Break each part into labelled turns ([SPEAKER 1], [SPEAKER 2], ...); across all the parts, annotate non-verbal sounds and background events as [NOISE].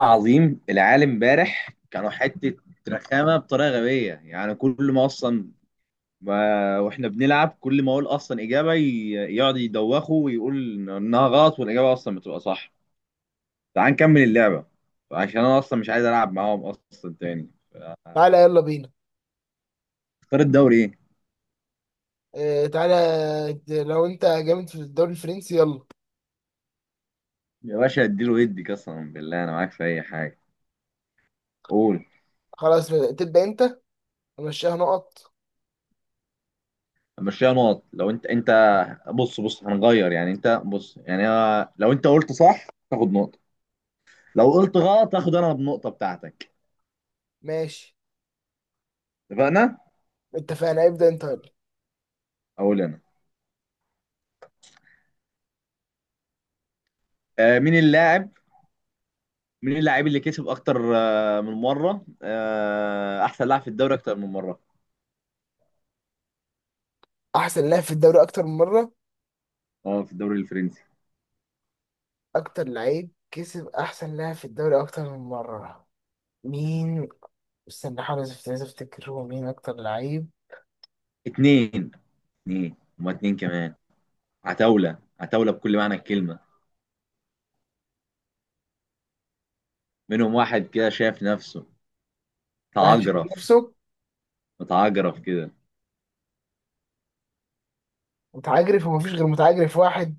[SPEAKER 1] عظيم العالم امبارح كانوا حتة رخامة بطريقة غبية، يعني كل ما أصلا ما واحنا بنلعب، كل ما أقول أصلا إجابة يقعد يدوخه ويقول إنها غلط والإجابة أصلا بتبقى صح. تعال نكمل اللعبة عشان أنا أصلا مش عايز ألعب معاهم أصلا تاني.
[SPEAKER 2] تعالى يلا بينا.
[SPEAKER 1] اختار الدوري إيه؟
[SPEAKER 2] آه، تعالى. لو انت جامد في الدوري الفرنسي يلا.
[SPEAKER 1] يا باشا اديله يدي، قسما بالله أنا معاك في أي حاجة، قول.
[SPEAKER 2] خلاص تبدأ انت، امشيها نقط.
[SPEAKER 1] مشيها نقط لو أنت بص بص هنغير، يعني أنت بص يعني لو أنت قلت صح تاخد نقطة، لو قلت غلط هاخد انا النقطه بتاعتك.
[SPEAKER 2] ماشي،
[SPEAKER 1] اتفقنا.
[SPEAKER 2] اتفقنا. ابدأ انت يلا.
[SPEAKER 1] اقول انا. آه، مين اللاعب اللي كسب اكتر من مره، احسن لاعب في الدوري اكتر من مره؟
[SPEAKER 2] احسن لاعب في الدوري اكتر من مرة؟
[SPEAKER 1] اه في الدوري الفرنسي.
[SPEAKER 2] اكتر لعيب كسب احسن لاعب في الدوري اكتر من مرة؟ مين؟ استنى احاول عايز افتكر هو مين اكتر لعيب.
[SPEAKER 1] اتنين، اتنين هما اتنين كمان. عتاوله عتاوله بكل معنى الكلمه، منهم واحد كده شايف نفسه
[SPEAKER 2] واحد شايف
[SPEAKER 1] متعجرف،
[SPEAKER 2] نفسه
[SPEAKER 1] متعجرف كده.
[SPEAKER 2] متعجرف، ومفيش غير متعجرف واحد.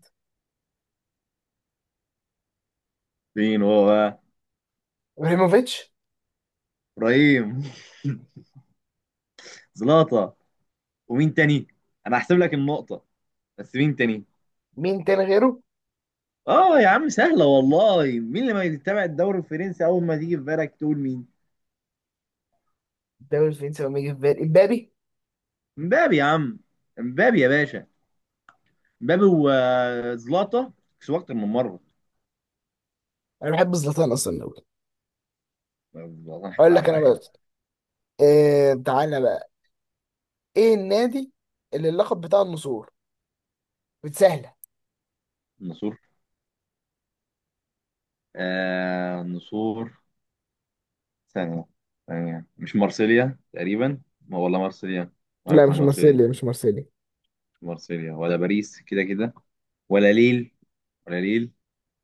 [SPEAKER 1] مين هو بقى؟
[SPEAKER 2] ابراهيموفيتش.
[SPEAKER 1] ابراهيم [LAUGHS] زلاطه. ومين تاني؟ انا هحسب لك النقطه، بس مين تاني؟
[SPEAKER 2] مين تاني غيره؟
[SPEAKER 1] اه يا عم سهله والله، مين اللي ما يتابع الدوري الفرنسي اول ما تيجي في بالك تقول مين؟
[SPEAKER 2] الدوري الفرنسي وما يجي في بالي امبابي.
[SPEAKER 1] مبابي يا عم، مبابي يا باشا، مبابي وزلاطه كسبوا اكتر من مره.
[SPEAKER 2] انا بحب زلاتان اصلا أوي.
[SPEAKER 1] والله حتى
[SPEAKER 2] اقول
[SPEAKER 1] على
[SPEAKER 2] لك انا
[SPEAKER 1] الرايق.
[SPEAKER 2] بقى. آه، تعالى بقى. ايه النادي اللي اللقب بتاع النسور؟ بتسهله.
[SPEAKER 1] النصور، آه النصور، ثانيه، ثانيه مش مارسيليا تقريبا، ما والله مارسيليا، ما
[SPEAKER 2] لا
[SPEAKER 1] هيكون
[SPEAKER 2] مش
[SPEAKER 1] مارسيليا.
[SPEAKER 2] مارسيليا، مش مارسيليا.
[SPEAKER 1] مش مارسيليا ولا باريس كده كده، ولا ليل ولا ليل.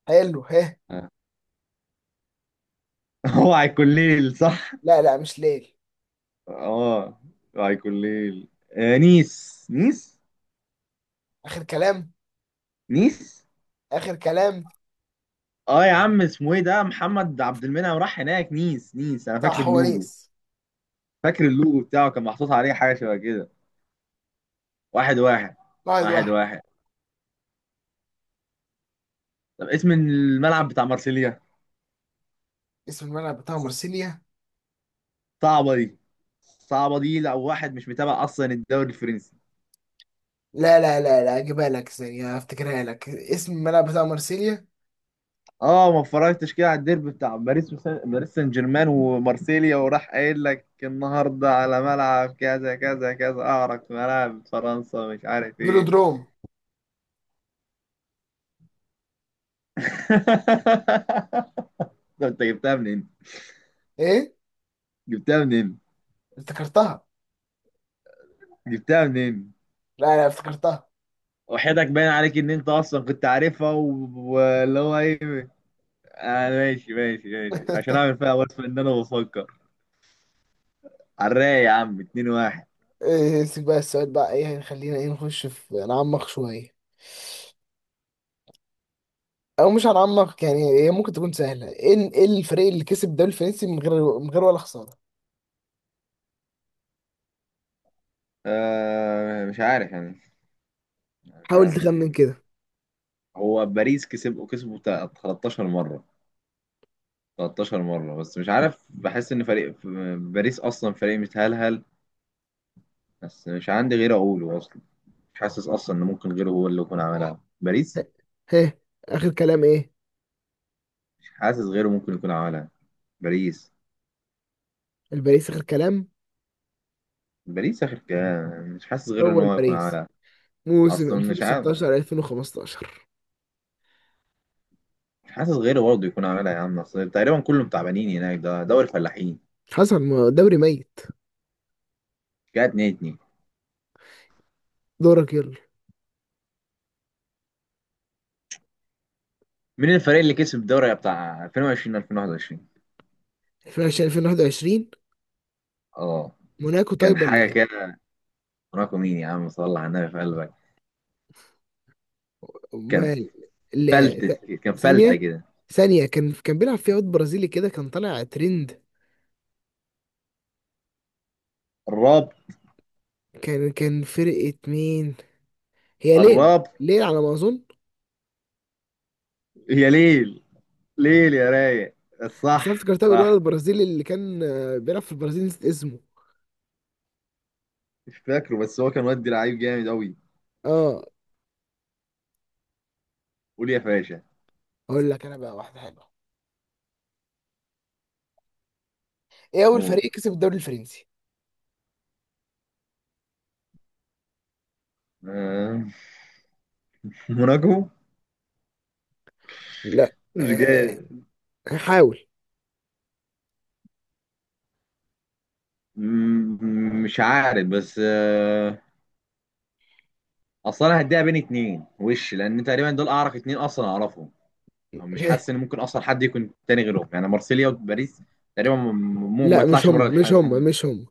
[SPEAKER 2] حلو ها.
[SPEAKER 1] آه. [LAUGHS] هو هيكون ليل صح.
[SPEAKER 2] لا لا مش ليل.
[SPEAKER 1] اه هيكون ليل. آه
[SPEAKER 2] اخر كلام.
[SPEAKER 1] نيس.
[SPEAKER 2] اخر كلام.
[SPEAKER 1] اه يا عم اسمه ايه ده محمد عبد المنعم راح هناك، نيس انا فاكر
[SPEAKER 2] صح، هو
[SPEAKER 1] اللوجو،
[SPEAKER 2] نيس.
[SPEAKER 1] فاكر اللوجو بتاعه كان محطوط عليه حاجه شبه كده. واحد واحد.
[SPEAKER 2] واحد
[SPEAKER 1] واحد
[SPEAKER 2] واحد.
[SPEAKER 1] واحد. طب اسم الملعب بتاع مارسيليا؟
[SPEAKER 2] اسم الملعب بتاع مرسيليا؟
[SPEAKER 1] صعبه دي، صعبه دي لو واحد مش متابع اصلا الدوري الفرنسي.
[SPEAKER 2] لا لا لا لا، اجيبها لك ثانية، افتكرها لك. اسم الملعب بتاع مرسيليا.
[SPEAKER 1] اه ما اتفرجتش كده على الديربي بتاع باريس باريس سان جيرمان ومارسيليا، وراح قايل لك النهارده على ملعب كذا كذا كذا، اعرق ملاعب فرنسا مش عارف ايه.
[SPEAKER 2] فيلودروم.
[SPEAKER 1] [LAUGHS] طب انت جبتها منين؟
[SPEAKER 2] ايه؟
[SPEAKER 1] جبتها منين؟
[SPEAKER 2] افتكرتها.
[SPEAKER 1] جبتها منين؟
[SPEAKER 2] لا لا افتكرتها.
[SPEAKER 1] وحياتك باين عليك ان انت اصلا كنت عارفها واللي هو ايه، آه ماشي ماشي ماشي عشان
[SPEAKER 2] [LAUGHS]
[SPEAKER 1] اعمل فيها وصف ان انا بفكر. على الرايق يا عم، 2-1.
[SPEAKER 2] إيه، سيب بقى السؤال بقى، ايه، خلينا ايه، نخش في نعمق شوية. او مش هنعمق يعني، هي ممكن تكون سهله. ايه إيه الفريق اللي كسب الدوري الفرنسي من غير ولا خساره؟
[SPEAKER 1] آه مش عارف يعني، مش
[SPEAKER 2] حاول
[SPEAKER 1] عارف ممكن
[SPEAKER 2] تخمن
[SPEAKER 1] يكون،
[SPEAKER 2] كده.
[SPEAKER 1] هو باريس كسب كسبه بتاع 13 مرة، 13 مرة، بس مش عارف بحس ان فريق باريس اصلا فريق متهلهل، بس مش عندي غير اقوله اصلا، مش حاسس اصلا ان ممكن غيره هو اللي يكون عملها، باريس.
[SPEAKER 2] ها. اخر كلام ايه؟
[SPEAKER 1] مش حاسس غيره ممكن يكون عملها، باريس.
[SPEAKER 2] الباريس اخر كلام.
[SPEAKER 1] باريس اخر كلام، مش حاسس غير ان
[SPEAKER 2] هو
[SPEAKER 1] هو يكون
[SPEAKER 2] الباريس،
[SPEAKER 1] عملها.
[SPEAKER 2] موسم
[SPEAKER 1] اصلا مش عارف،
[SPEAKER 2] 2016 2015.
[SPEAKER 1] مش حاسس غيره برضه يكون عملها، يا عم اصل تقريبا كلهم تعبانين هناك، ده دوري الفلاحين.
[SPEAKER 2] حصل ما دوري ميت.
[SPEAKER 1] كانت 2-2.
[SPEAKER 2] دورك يلا.
[SPEAKER 1] مين الفريق اللي كسب الدوري بتاع 2020 2021؟
[SPEAKER 2] 2020 2021.
[SPEAKER 1] اه
[SPEAKER 2] موناكو
[SPEAKER 1] كان
[SPEAKER 2] طيب ولا
[SPEAKER 1] حاجه
[SPEAKER 2] ايه؟
[SPEAKER 1] كده، رقم مين يا عم صلى على النبي في قلبك، كان
[SPEAKER 2] امال. لا
[SPEAKER 1] فلتة،
[SPEAKER 2] ث-
[SPEAKER 1] كان فلتة
[SPEAKER 2] ثانيه،
[SPEAKER 1] كده.
[SPEAKER 2] ثانيه. كان بيلعب فيها واد برازيلي كده، كان طالع ترند.
[SPEAKER 1] الراب.
[SPEAKER 2] كان فرقه مين؟ هي ليل.
[SPEAKER 1] الراب.
[SPEAKER 2] ليل على ما اظن.
[SPEAKER 1] يا ليل، ليل يا رايق،
[SPEAKER 2] بس انا
[SPEAKER 1] صح
[SPEAKER 2] افتكرتها بالولد
[SPEAKER 1] صح.
[SPEAKER 2] البرازيلي اللي كان آه، بيلعب في البرازيل، نسيت اسمه.
[SPEAKER 1] مش فاكره بس هو كان ودي لعيب جامد قوي.
[SPEAKER 2] اه.
[SPEAKER 1] قول يا فاشا.
[SPEAKER 2] اقول لك انا بقى واحده حلوه. ايه اول
[SPEAKER 1] هو،
[SPEAKER 2] فريق كسب الدوري الفرنسي؟
[SPEAKER 1] آه، [LAUGHS] موناكو.
[SPEAKER 2] لا.
[SPEAKER 1] مش
[SPEAKER 2] آه،
[SPEAKER 1] جاي،
[SPEAKER 2] هحاول.
[SPEAKER 1] مش عارف بس آه، اصل انا هديها بين اتنين وش لان تقريبا دول اعرف، اتنين اصلا اعرفهم، أو مش حاسس ان
[SPEAKER 2] [LAUGHS]
[SPEAKER 1] ممكن اصلا حد يكون تاني غيرهم، يعني مارسيليا وباريس، تقريبا ما
[SPEAKER 2] لا مش
[SPEAKER 1] يطلعش
[SPEAKER 2] هم،
[SPEAKER 1] بره
[SPEAKER 2] مش
[SPEAKER 1] الحالتين
[SPEAKER 2] هم،
[SPEAKER 1] دول.
[SPEAKER 2] مش هم.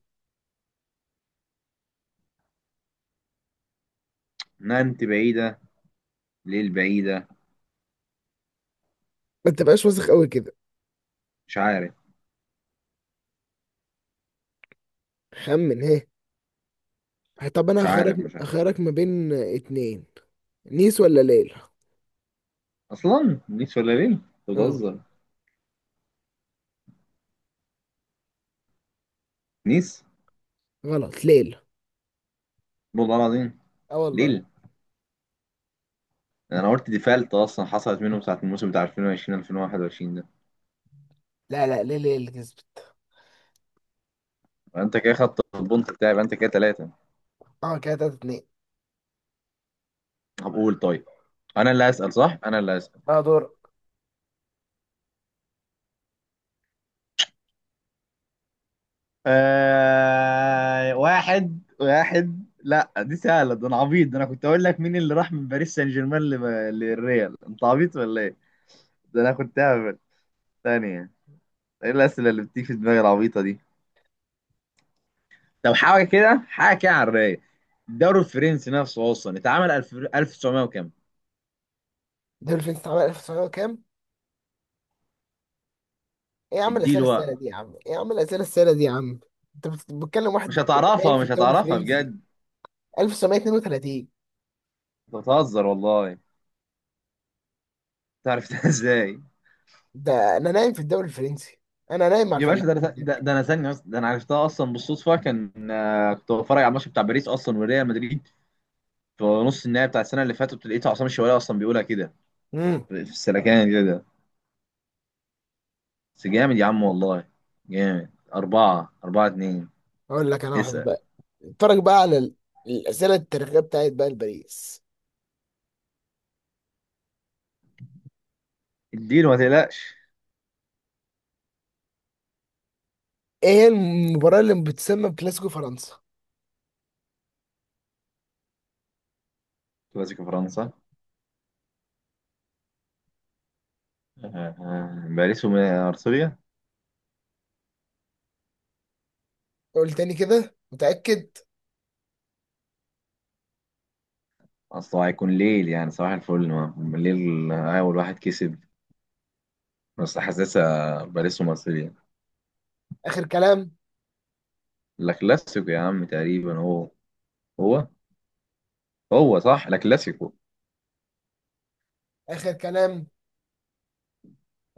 [SPEAKER 1] نانت بعيده، ليل بعيده،
[SPEAKER 2] ما تبقاش واثق قوي كده.
[SPEAKER 1] مش عارف،
[SPEAKER 2] خمن هي. طب انا
[SPEAKER 1] مش عارف،
[SPEAKER 2] هخرج،
[SPEAKER 1] مش عارف.
[SPEAKER 2] هخرج ما بين اتنين. نيس ولا ليل.
[SPEAKER 1] اصلا نيس ولا ليل؟ أنت
[SPEAKER 2] اه.
[SPEAKER 1] بتهزر؟ نيس.
[SPEAKER 2] غلط، ليل.
[SPEAKER 1] والله العظيم،
[SPEAKER 2] اه والله.
[SPEAKER 1] ليل. انا قلت ديفالت اصلا حصلت منهم ساعه الموسم بتاع 2020 2021 ده،
[SPEAKER 2] لا لا ليل هي اللي كسبت.
[SPEAKER 1] يبقى انت كده خدت البونت بتاعي، يبقى انت كده ثلاثه.
[SPEAKER 2] اه كده 3 2.
[SPEAKER 1] طب قول، طيب انا اللي هسأل صح، انا اللي هسأل.
[SPEAKER 2] اه دور.
[SPEAKER 1] آه واحد واحد، لا دي سهلة، ده انا عبيط ده، انا كنت اقول لك مين اللي راح من باريس سان جيرمان للريال، انت عبيط ولا ايه؟ ده انا كنت هبل، ثانية، ايه الأسئلة اللي بتيجي في دماغي العبيطة دي؟ طب حاجة كده، حاجة كده على الرايق، الدوري الفرنسي نفسه اصلا اتعمل 1000 1900 وكام؟
[SPEAKER 2] الدوري الفرنسي اتعمل 1900 وكام؟ ايه يا عم
[SPEAKER 1] اديله
[SPEAKER 2] الاسئله
[SPEAKER 1] وقت،
[SPEAKER 2] السهله دي يا عم، ايه يا عم الاسئله السهله دي يا عم. انت بتكلم
[SPEAKER 1] مش
[SPEAKER 2] واحد نايم
[SPEAKER 1] هتعرفها،
[SPEAKER 2] في
[SPEAKER 1] مش
[SPEAKER 2] الدوري
[SPEAKER 1] هتعرفها
[SPEAKER 2] الفرنسي.
[SPEAKER 1] بجد.
[SPEAKER 2] 1932.
[SPEAKER 1] انت بتهزر والله، تعرفتها ازاي؟
[SPEAKER 2] ده انا نايم في الدوري الفرنسي، انا نايم مع
[SPEAKER 1] يا باشا
[SPEAKER 2] الفلاحين هناك.
[SPEAKER 1] ده انا ثانيه بس، ده انا عرفتها اصلا بالصدفه كان كنت بتفرج على الماتش بتاع باريس اصلا وريال مدريد في نص النهائي بتاع السنه اللي فاتت، لقيت عصام الشوالي اصلا بيقولها كده
[SPEAKER 2] امم.
[SPEAKER 1] في السلكان كده ده. بس جامد يا عم والله، جامد. أربعة أربعة اتنين.
[SPEAKER 2] اقول لك انا واحده
[SPEAKER 1] اسأل،
[SPEAKER 2] بقى. اتفرج بقى على الاسئله التاريخيه بتاعت بقى باريس.
[SPEAKER 1] اديله ما تقلقش.
[SPEAKER 2] ايه هي المباراه اللي بتسمى بكلاسيكو فرنسا؟
[SPEAKER 1] كلاسيكو فرنسا؟ [LAUGHS] آه، آه، باريس وأرسنال؟
[SPEAKER 2] قول تاني كده، متاكد؟
[SPEAKER 1] أصل هو هيكون ليل، يعني صباح الفل الليل أول واحد كسب، بس حاسسها باريس ومارسيليا.
[SPEAKER 2] اخر كلام.
[SPEAKER 1] لا كلاسيكو يا عم، تقريبا هو هو صح لا كلاسيكو.
[SPEAKER 2] اخر كلام.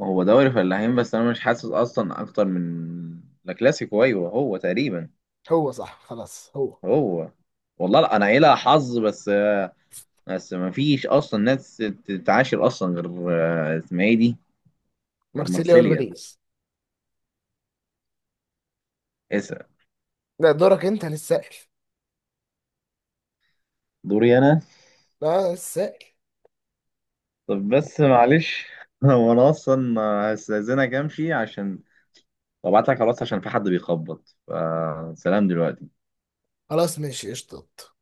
[SPEAKER 1] هو دوري فلاحين بس انا مش حاسس اصلا اكتر من لا كلاسيكو، ايوه هو تقريبا،
[SPEAKER 2] هو صح، خلاص هو.
[SPEAKER 1] هو. والله لا انا عيلة حظ بس، بس ما فيش اصلا ناس تتعاشر اصلا غير آه، اسمها ايه دي، غير
[SPEAKER 2] مارسيليا
[SPEAKER 1] مارسيليا،
[SPEAKER 2] والباريس.
[SPEAKER 1] اسا.
[SPEAKER 2] لا دورك انت للسائل.
[SPEAKER 1] دوري انا.
[SPEAKER 2] لا السائل.
[SPEAKER 1] طب بس معلش [LAUGHS] هو انا اصلا هستأذنك امشي عشان وابعت لك خلاص عشان في حد بيخبط، فسلام دلوقتي.
[SPEAKER 2] خلاص ماشي، قشطة.